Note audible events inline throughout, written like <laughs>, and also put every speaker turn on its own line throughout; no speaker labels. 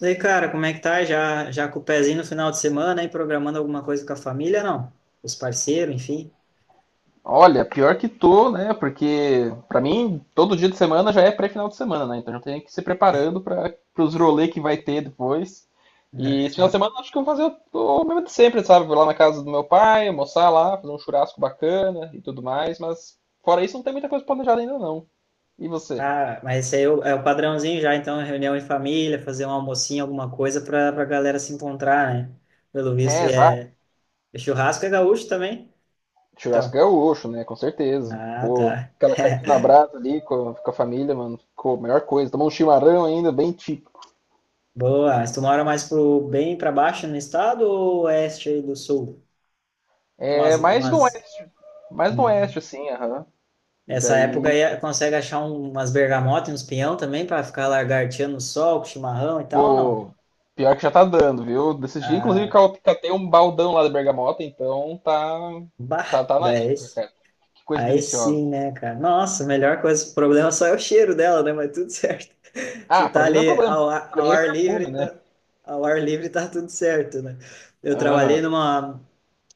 E aí, cara, como é que tá? Já com o pezinho no final de semana aí, programando alguma coisa com a família, não? Os parceiros, enfim.
Olha, pior que tô, né? Porque pra mim todo dia de semana já é pré-final de semana, né? Então já tem que ir se preparando para os rolê que vai ter depois. E esse final de semana eu acho que eu vou fazer o mesmo de sempre, sabe? Vou lá na casa do meu pai, almoçar lá, fazer um churrasco bacana e tudo mais, mas fora isso não tem muita coisa planejada ainda não. E você?
Ah, mas esse aí é o padrãozinho já, então, reunião em família, fazer um almocinho, alguma coisa pra galera se encontrar, né? Pelo visto,
É, exato.
é churrasco é gaúcho também?
Churrasco é
Então,
gaúcho, né? Com certeza.
ah,
Pô,
tá.
aquela carninha na
<laughs>
brasa ali com a família, mano, ficou a melhor coisa. Tomar um chimarrão ainda, bem.
Boa, mas tu mora mais pro bem pra baixo no estado ou oeste aí do sul? É
É
umas,
mais no
umas...
oeste. Mais no
Hum.
oeste, assim, aham. E
Essa
daí,
época aí consegue achar umas bergamotas e uns pinhão também para ficar lagarteando no sol, com chimarrão e tal, não?
pô, pior que já tá dando, viu? Desses dias, inclusive,
Ah,
catei um baldão lá da Bergamota, então tá,
bah,
tá na
daí,
época, cara. Que coisa
aí
deliciosa.
sim, né, cara? Nossa, a melhor coisa, o problema só é o cheiro dela, né? Mas tudo certo. <laughs> Se
Ah, pra
tá
mim não é problema, porque pra
ao
mim é
ar livre,
perfume, né?
tá, ao ar livre tá tudo certo, né? Eu trabalhei
Aham,
numa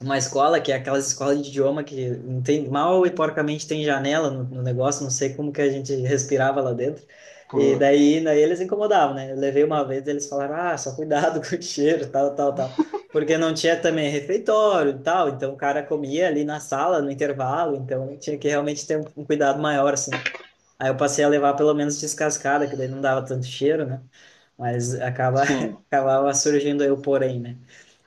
uma escola que é aquelas escolas de idioma que não tem mal e porcamente tem janela no negócio, não sei como que a gente respirava lá dentro. E
putz.
daí eles incomodavam, né? Eu levei uma vez, eles falaram: "Ah, só cuidado <laughs> com o cheiro, tal, tal, tal". Porque não tinha também refeitório e tal, então o cara comia ali na sala, no intervalo, então tinha que realmente ter um cuidado maior assim. Aí eu passei a levar pelo menos descascada, que daí não dava tanto cheiro, né? Mas acaba
Sim.
<laughs> acabava surgindo aí o porém, né?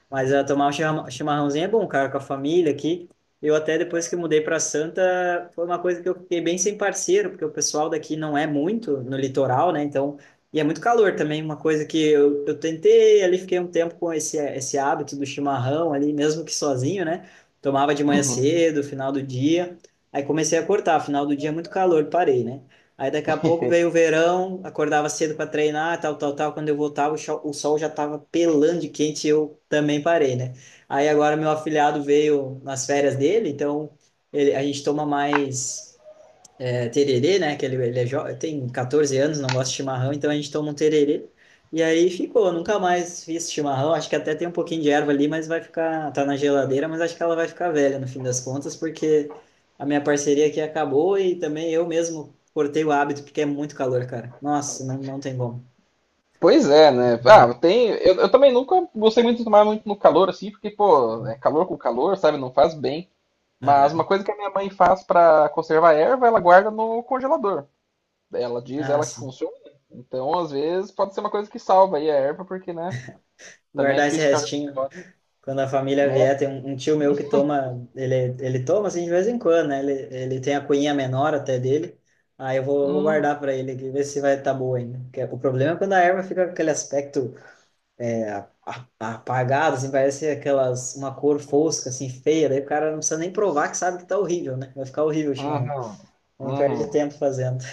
Mas ah, tomar chimarrãozinho é bom, cara, com a família aqui. Eu até depois que mudei para Santa, foi uma coisa que eu fiquei bem sem parceiro, porque o pessoal daqui não é muito no litoral, né? Então, e é muito calor também, uma coisa que eu tentei ali, fiquei um tempo com esse hábito do chimarrão ali, mesmo que sozinho, né? Tomava de manhã
Uhum.
cedo, final do dia. Aí comecei a cortar, final do dia é muito calor, parei, né? Aí daqui a pouco veio o verão, acordava cedo para treinar, tal, tal, tal. Quando eu voltava, o sol já estava pelando de quente e eu também parei, né? Aí agora meu afilhado veio nas férias dele, então ele, a gente toma mais tererê, né? Que ele tem 14 anos, não gosta de chimarrão, então a gente toma um tererê. E aí ficou, nunca mais fiz chimarrão. Acho que até tem um pouquinho de erva ali, mas vai ficar, tá na geladeira, mas acho que ela vai ficar velha no fim das contas, porque a minha parceria aqui acabou e também eu mesmo cortei o hábito, porque é muito calor, cara. Nossa, não tem como.
Pois é,
Não
né? Ah,
dá.
tem. Eu também nunca gostei muito de tomar muito no calor, assim, porque, pô, é calor com calor, sabe? Não faz bem. Mas uma
Aham.
coisa que a minha mãe faz pra conservar a erva, ela guarda no congelador. Ela diz
Ah,
ela que
sim.
funciona. Então, às vezes, pode ser uma coisa que salva aí a erva, porque, né? Também é
Guardar esse
difícil ficar.
restinho. Quando a família
É.
vier, tem um tio meu que toma, ele toma assim de vez em quando, né? Ele tem a cunhinha menor até dele. Aí vou
Hum,
guardar para ele aqui, ver se vai estar tá boa ainda. Porque o problema é quando a erva fica com aquele aspecto é, a- a- apagado, assim, parece aquelas, uma cor fosca, assim, feia. Daí o cara não precisa nem provar que sabe que tá horrível, né? Vai ficar horrível o chimarrão.
uhum,
Nem perde
uhum.
tempo fazendo.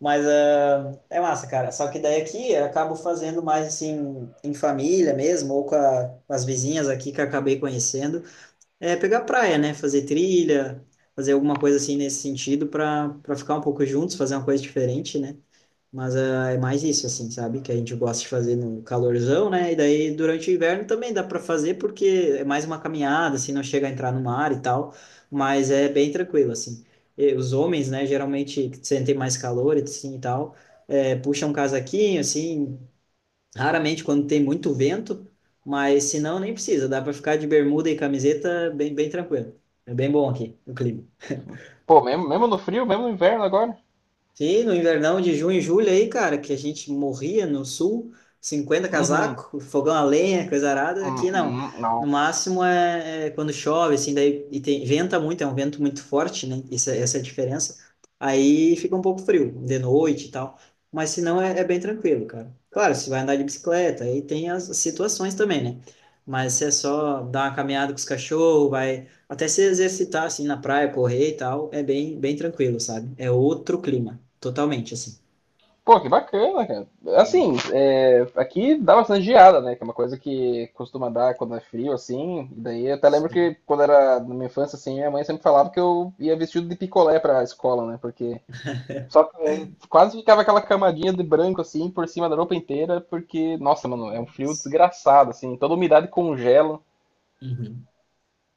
Mas ah, é massa, cara. Só que daí aqui eu acabo fazendo mais assim em família mesmo, ou com as vizinhas aqui que eu acabei conhecendo. É pegar praia, né? Fazer trilha, fazer alguma coisa assim nesse sentido para ficar um pouco juntos, fazer uma coisa diferente, né? Mas é mais isso, assim, sabe? Que a gente gosta de fazer no calorzão, né? E daí durante o inverno também dá para fazer, porque é mais uma caminhada, assim, não chega a entrar no mar e tal, mas é bem tranquilo, assim. E os homens, né, geralmente que sentem mais calor assim, e tal, puxam um casaquinho, assim, raramente quando tem muito vento, mas se não, nem precisa. Dá para ficar de bermuda e camiseta bem tranquilo. É bem bom aqui o clima.
Pô, mesmo, mesmo no frio, mesmo no inverno agora?
Sim, no invernão de junho e julho aí, cara, que a gente morria no sul, cinquenta
Uhum,
casaco, fogão a lenha, coisa arada, aqui não.
uhum,
No
nossa.
máximo é quando chove, assim, daí e tem, venta muito, é um vento muito forte, né? Isso, essa é a diferença. Aí fica um pouco frio, de noite e tal. Mas se não, é bem tranquilo, cara. Claro, se vai andar de bicicleta, aí tem as situações também, né? Mas se é só dar uma caminhada com os cachorros, vai até se exercitar, assim, na praia, correr e tal, é bem tranquilo, sabe? É outro clima, totalmente, assim.
Pô, que bacana, cara.
Hum,
Assim, é, aqui dá bastante geada, né? Que é uma coisa que costuma dar quando é frio, assim. Daí eu até lembro
sim.
que quando era na minha infância, assim, minha mãe sempre falava que eu ia vestido de picolé pra escola, né? Porque só que, é, quase ficava aquela camadinha de branco assim por cima da roupa inteira, porque, nossa, mano, é um frio desgraçado, assim, toda umidade congela.
Uhum.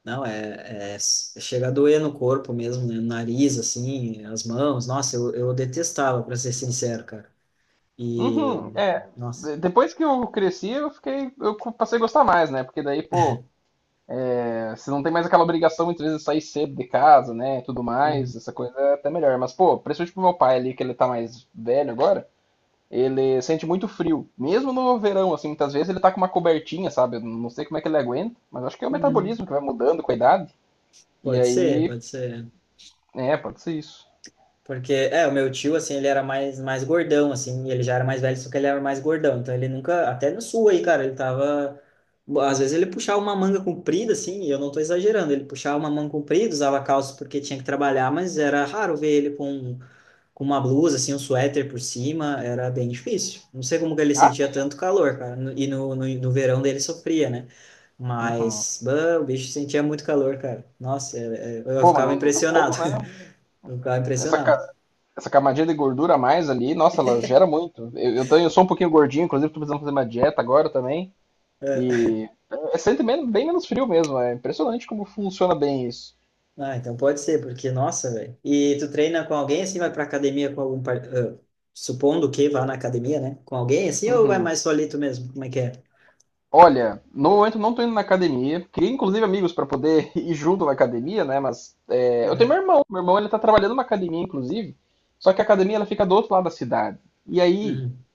Não, é chega a doer no corpo mesmo, né? No nariz, assim, as mãos. Nossa, eu detestava, para ser sincero, cara. E,
Uhum, é.
nossa.
Depois que eu cresci, eu fiquei, eu passei a gostar mais, né? Porque daí, pô, é, você não tem mais aquela obrigação muitas vezes de sair cedo de casa, né? Tudo
Uhum.
mais, essa coisa é até melhor. Mas, pô, principalmente pro meu pai ali, que ele tá mais velho agora, ele sente muito frio. Mesmo no verão, assim, muitas vezes ele tá com uma cobertinha, sabe? Eu não sei como é que ele aguenta, mas acho que é o
Uhum.
metabolismo que vai mudando com a idade. E
Pode ser,
aí,
pode ser.
é, pode ser isso.
Porque, é, o meu tio, assim, ele era mais gordão, assim, e ele já era mais velho, só que ele era mais gordão. Então ele nunca, até no sul aí, cara, ele tava. Às vezes ele puxava uma manga comprida, assim, e eu não tô exagerando, ele puxava uma manga comprida, usava calça porque tinha que trabalhar, mas era raro ver ele com uma blusa, assim, um suéter por cima, era bem difícil. Não sei como que ele
Ah,
sentia
sim.
tanto calor, cara, no verão dele sofria, né?
Uhum.
Mas, bah, o bicho sentia muito calor, cara. Nossa, eu
Pô, mas
ficava
não, não tem
impressionado,
como, né?
<laughs> eu ficava
Essa,
impressionado.
ca- Essa camadinha de gordura a mais ali, nossa, ela gera muito. Eu sou um pouquinho gordinho, inclusive tô precisando fazer uma dieta agora também.
É,
E é, sente bem menos frio mesmo. É impressionante como funciona bem isso.
ah, então pode ser, porque, nossa, velho. E tu treina com alguém assim, vai pra academia com supondo que vá na academia, né? Com alguém assim, ou vai
Uhum.
mais solito mesmo? Como é que é?
Olha, no momento não tô indo na academia. Queria inclusive amigos para poder <laughs> ir junto na academia, né? Mas é, eu tenho
Aham.
meu irmão. Meu irmão ele tá trabalhando numa academia, inclusive. Só que a academia ela fica do outro lado da cidade. E aí,
Uhum.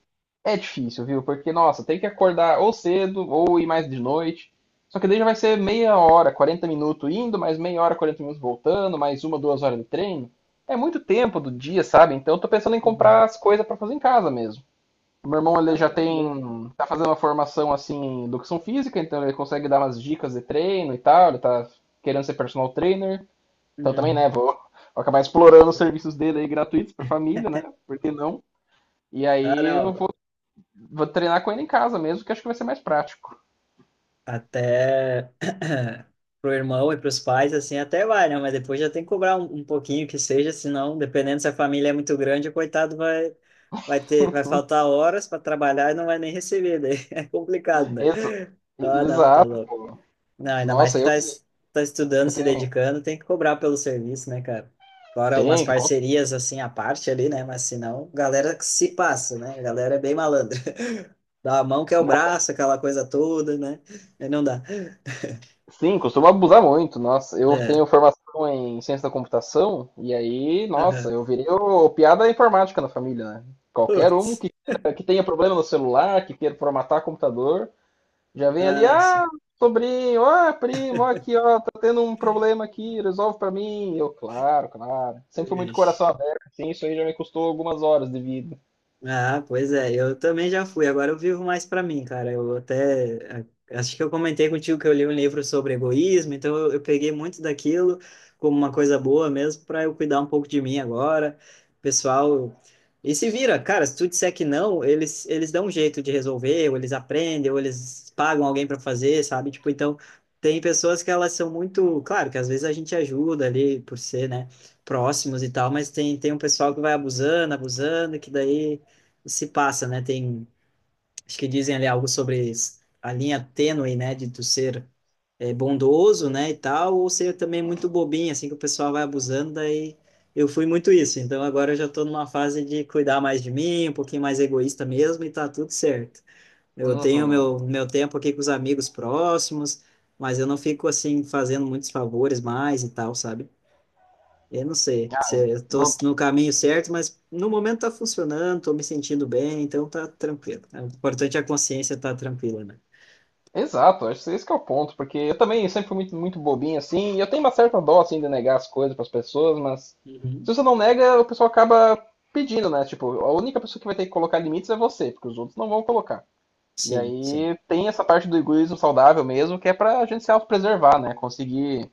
é difícil, viu? Porque, nossa, tem que acordar ou cedo ou ir mais de noite. Só que daí já vai ser 30 min, 40 minutos indo, mais 30 min, 40 minutos voltando, mais uma, 2 horas de treino. É muito tempo do dia, sabe? Então eu tô pensando em comprar
Uhum.
as coisas pra fazer em casa mesmo. O meu irmão ele já
Ah, louco.
tem, tá fazendo uma formação assim em educação física, então ele consegue dar umas dicas de treino e tal, ele tá querendo ser personal trainer. Então também, né,
Uhum.
vou, vou acabar explorando os serviços dele aí gratuitos pra família, né? Por que não? E
Ah,
aí eu
não.
vou treinar com ele em casa mesmo, que acho que vai ser mais prático.
Até <coughs> <clears throat> pro irmão e pros pais, assim, até vai, né? Mas depois já tem que cobrar um pouquinho que seja, senão, dependendo se a família é muito grande, o coitado vai, vai faltar horas para trabalhar e não vai nem receber, daí <laughs> é complicado, né?
Exa-
Ah, não, tá
Exato.
louco. Não, ainda mais
Nossa,
que
eu que
tá estudando,
eu
se
tenho.
dedicando, tem que cobrar pelo serviço, né, cara? Fora umas
Tem, que cons-
parcerias assim à parte ali, né? Mas senão, galera que se passa, né? A galera é bem malandra. <laughs> Dá a mão que é o braço, aquela coisa toda, né? Aí não dá.
Sim, costumo abusar muito. Nossa, eu
É.
tenho formação em ciência da computação, e aí, nossa,
Aham.
eu virei o piada informática na família, né? Qualquer um
Putz.
que, que tenha problema no celular, que queira formatar computador, já vem ali,
Acha.
ah, sobrinho, ah, primo, ó aqui, ó, tá tendo um problema aqui, resolve pra mim. Eu, claro, claro. Sempre fui muito coração
Ixi.
aberto, assim, isso aí já me custou algumas horas de vida.
Ah, pois é, eu também já fui, agora eu vivo mais para mim, cara. Eu até acho que eu comentei contigo que eu li um livro sobre egoísmo, então eu peguei muito daquilo como uma coisa boa mesmo para eu cuidar um pouco de mim agora. Pessoal, e se vira, cara, se tu disser que não, eles dão um jeito de resolver, ou eles aprendem, ou eles pagam alguém para fazer, sabe? Tipo, então tem pessoas que elas são muito, claro, que às vezes a gente ajuda ali por ser, né, próximos e tal, mas tem um pessoal que vai abusando, abusando, que daí se passa, né? Tem, acho que dizem ali algo sobre a linha tênue, né? De tu ser bondoso, né? E tal, ou ser também muito bobinho, assim, que o pessoal vai abusando, daí eu fui muito isso. Então agora eu já tô numa fase de cuidar mais de mim, um pouquinho mais egoísta mesmo, e tá tudo certo. Eu tenho
Uhum.
meu tempo aqui com os amigos próximos, mas eu não fico, assim, fazendo muitos favores mais e tal, sabe? Eu não sei se eu tô
Não-
no caminho certo, mas no momento tá funcionando, tô me sentindo bem, então tá tranquilo. É, o importante é a consciência estar tranquila, né?
Exato, acho que esse que é o ponto, porque eu também sempre fui muito, muito bobinho assim, e eu tenho uma certa dó assim de negar as coisas para as pessoas, mas
Uhum.
se você não nega, o pessoal acaba pedindo, né? Tipo, a única pessoa que vai ter que colocar limites é você, porque os outros não vão colocar. E
Sim.
aí tem essa parte do egoísmo saudável mesmo, que é pra gente se autopreservar, né? Conseguir.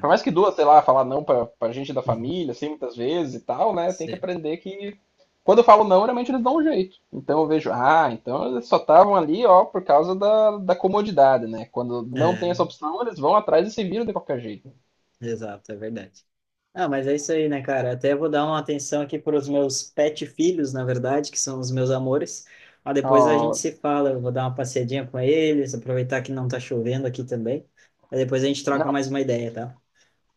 Por mais que duas, sei lá, falar não pra gente da
Uhum.
família, assim, muitas vezes e tal, né? Tem que
Sim.
aprender que quando eu falo não, realmente eles dão um jeito. Então eu vejo, ah, então eles só estavam ali, ó, por causa da comodidade, né? Quando não tem essa
É,
opção, eles vão atrás e se viram de qualquer jeito.
exato, é verdade. Ah, mas é isso aí, né, cara? Até vou dar uma atenção aqui para os meus pet filhos, na verdade, que são os meus amores. Mas depois a gente
Ó,
se fala, eu vou dar uma passeadinha com eles, aproveitar que não tá chovendo aqui também. Aí depois a gente troca
não,
mais uma ideia, tá?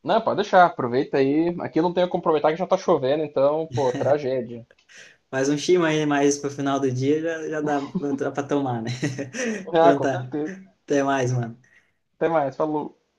não, pode deixar, aproveita aí. Aqui não tem como aproveitar que já tá chovendo, então, pô, tragédia.
Mas um chima aí mais pro final do dia já dá pra tomar, né? <laughs>
Ah,
Então
com
tá.
certeza.
Até mais, mano.
Até mais, falou.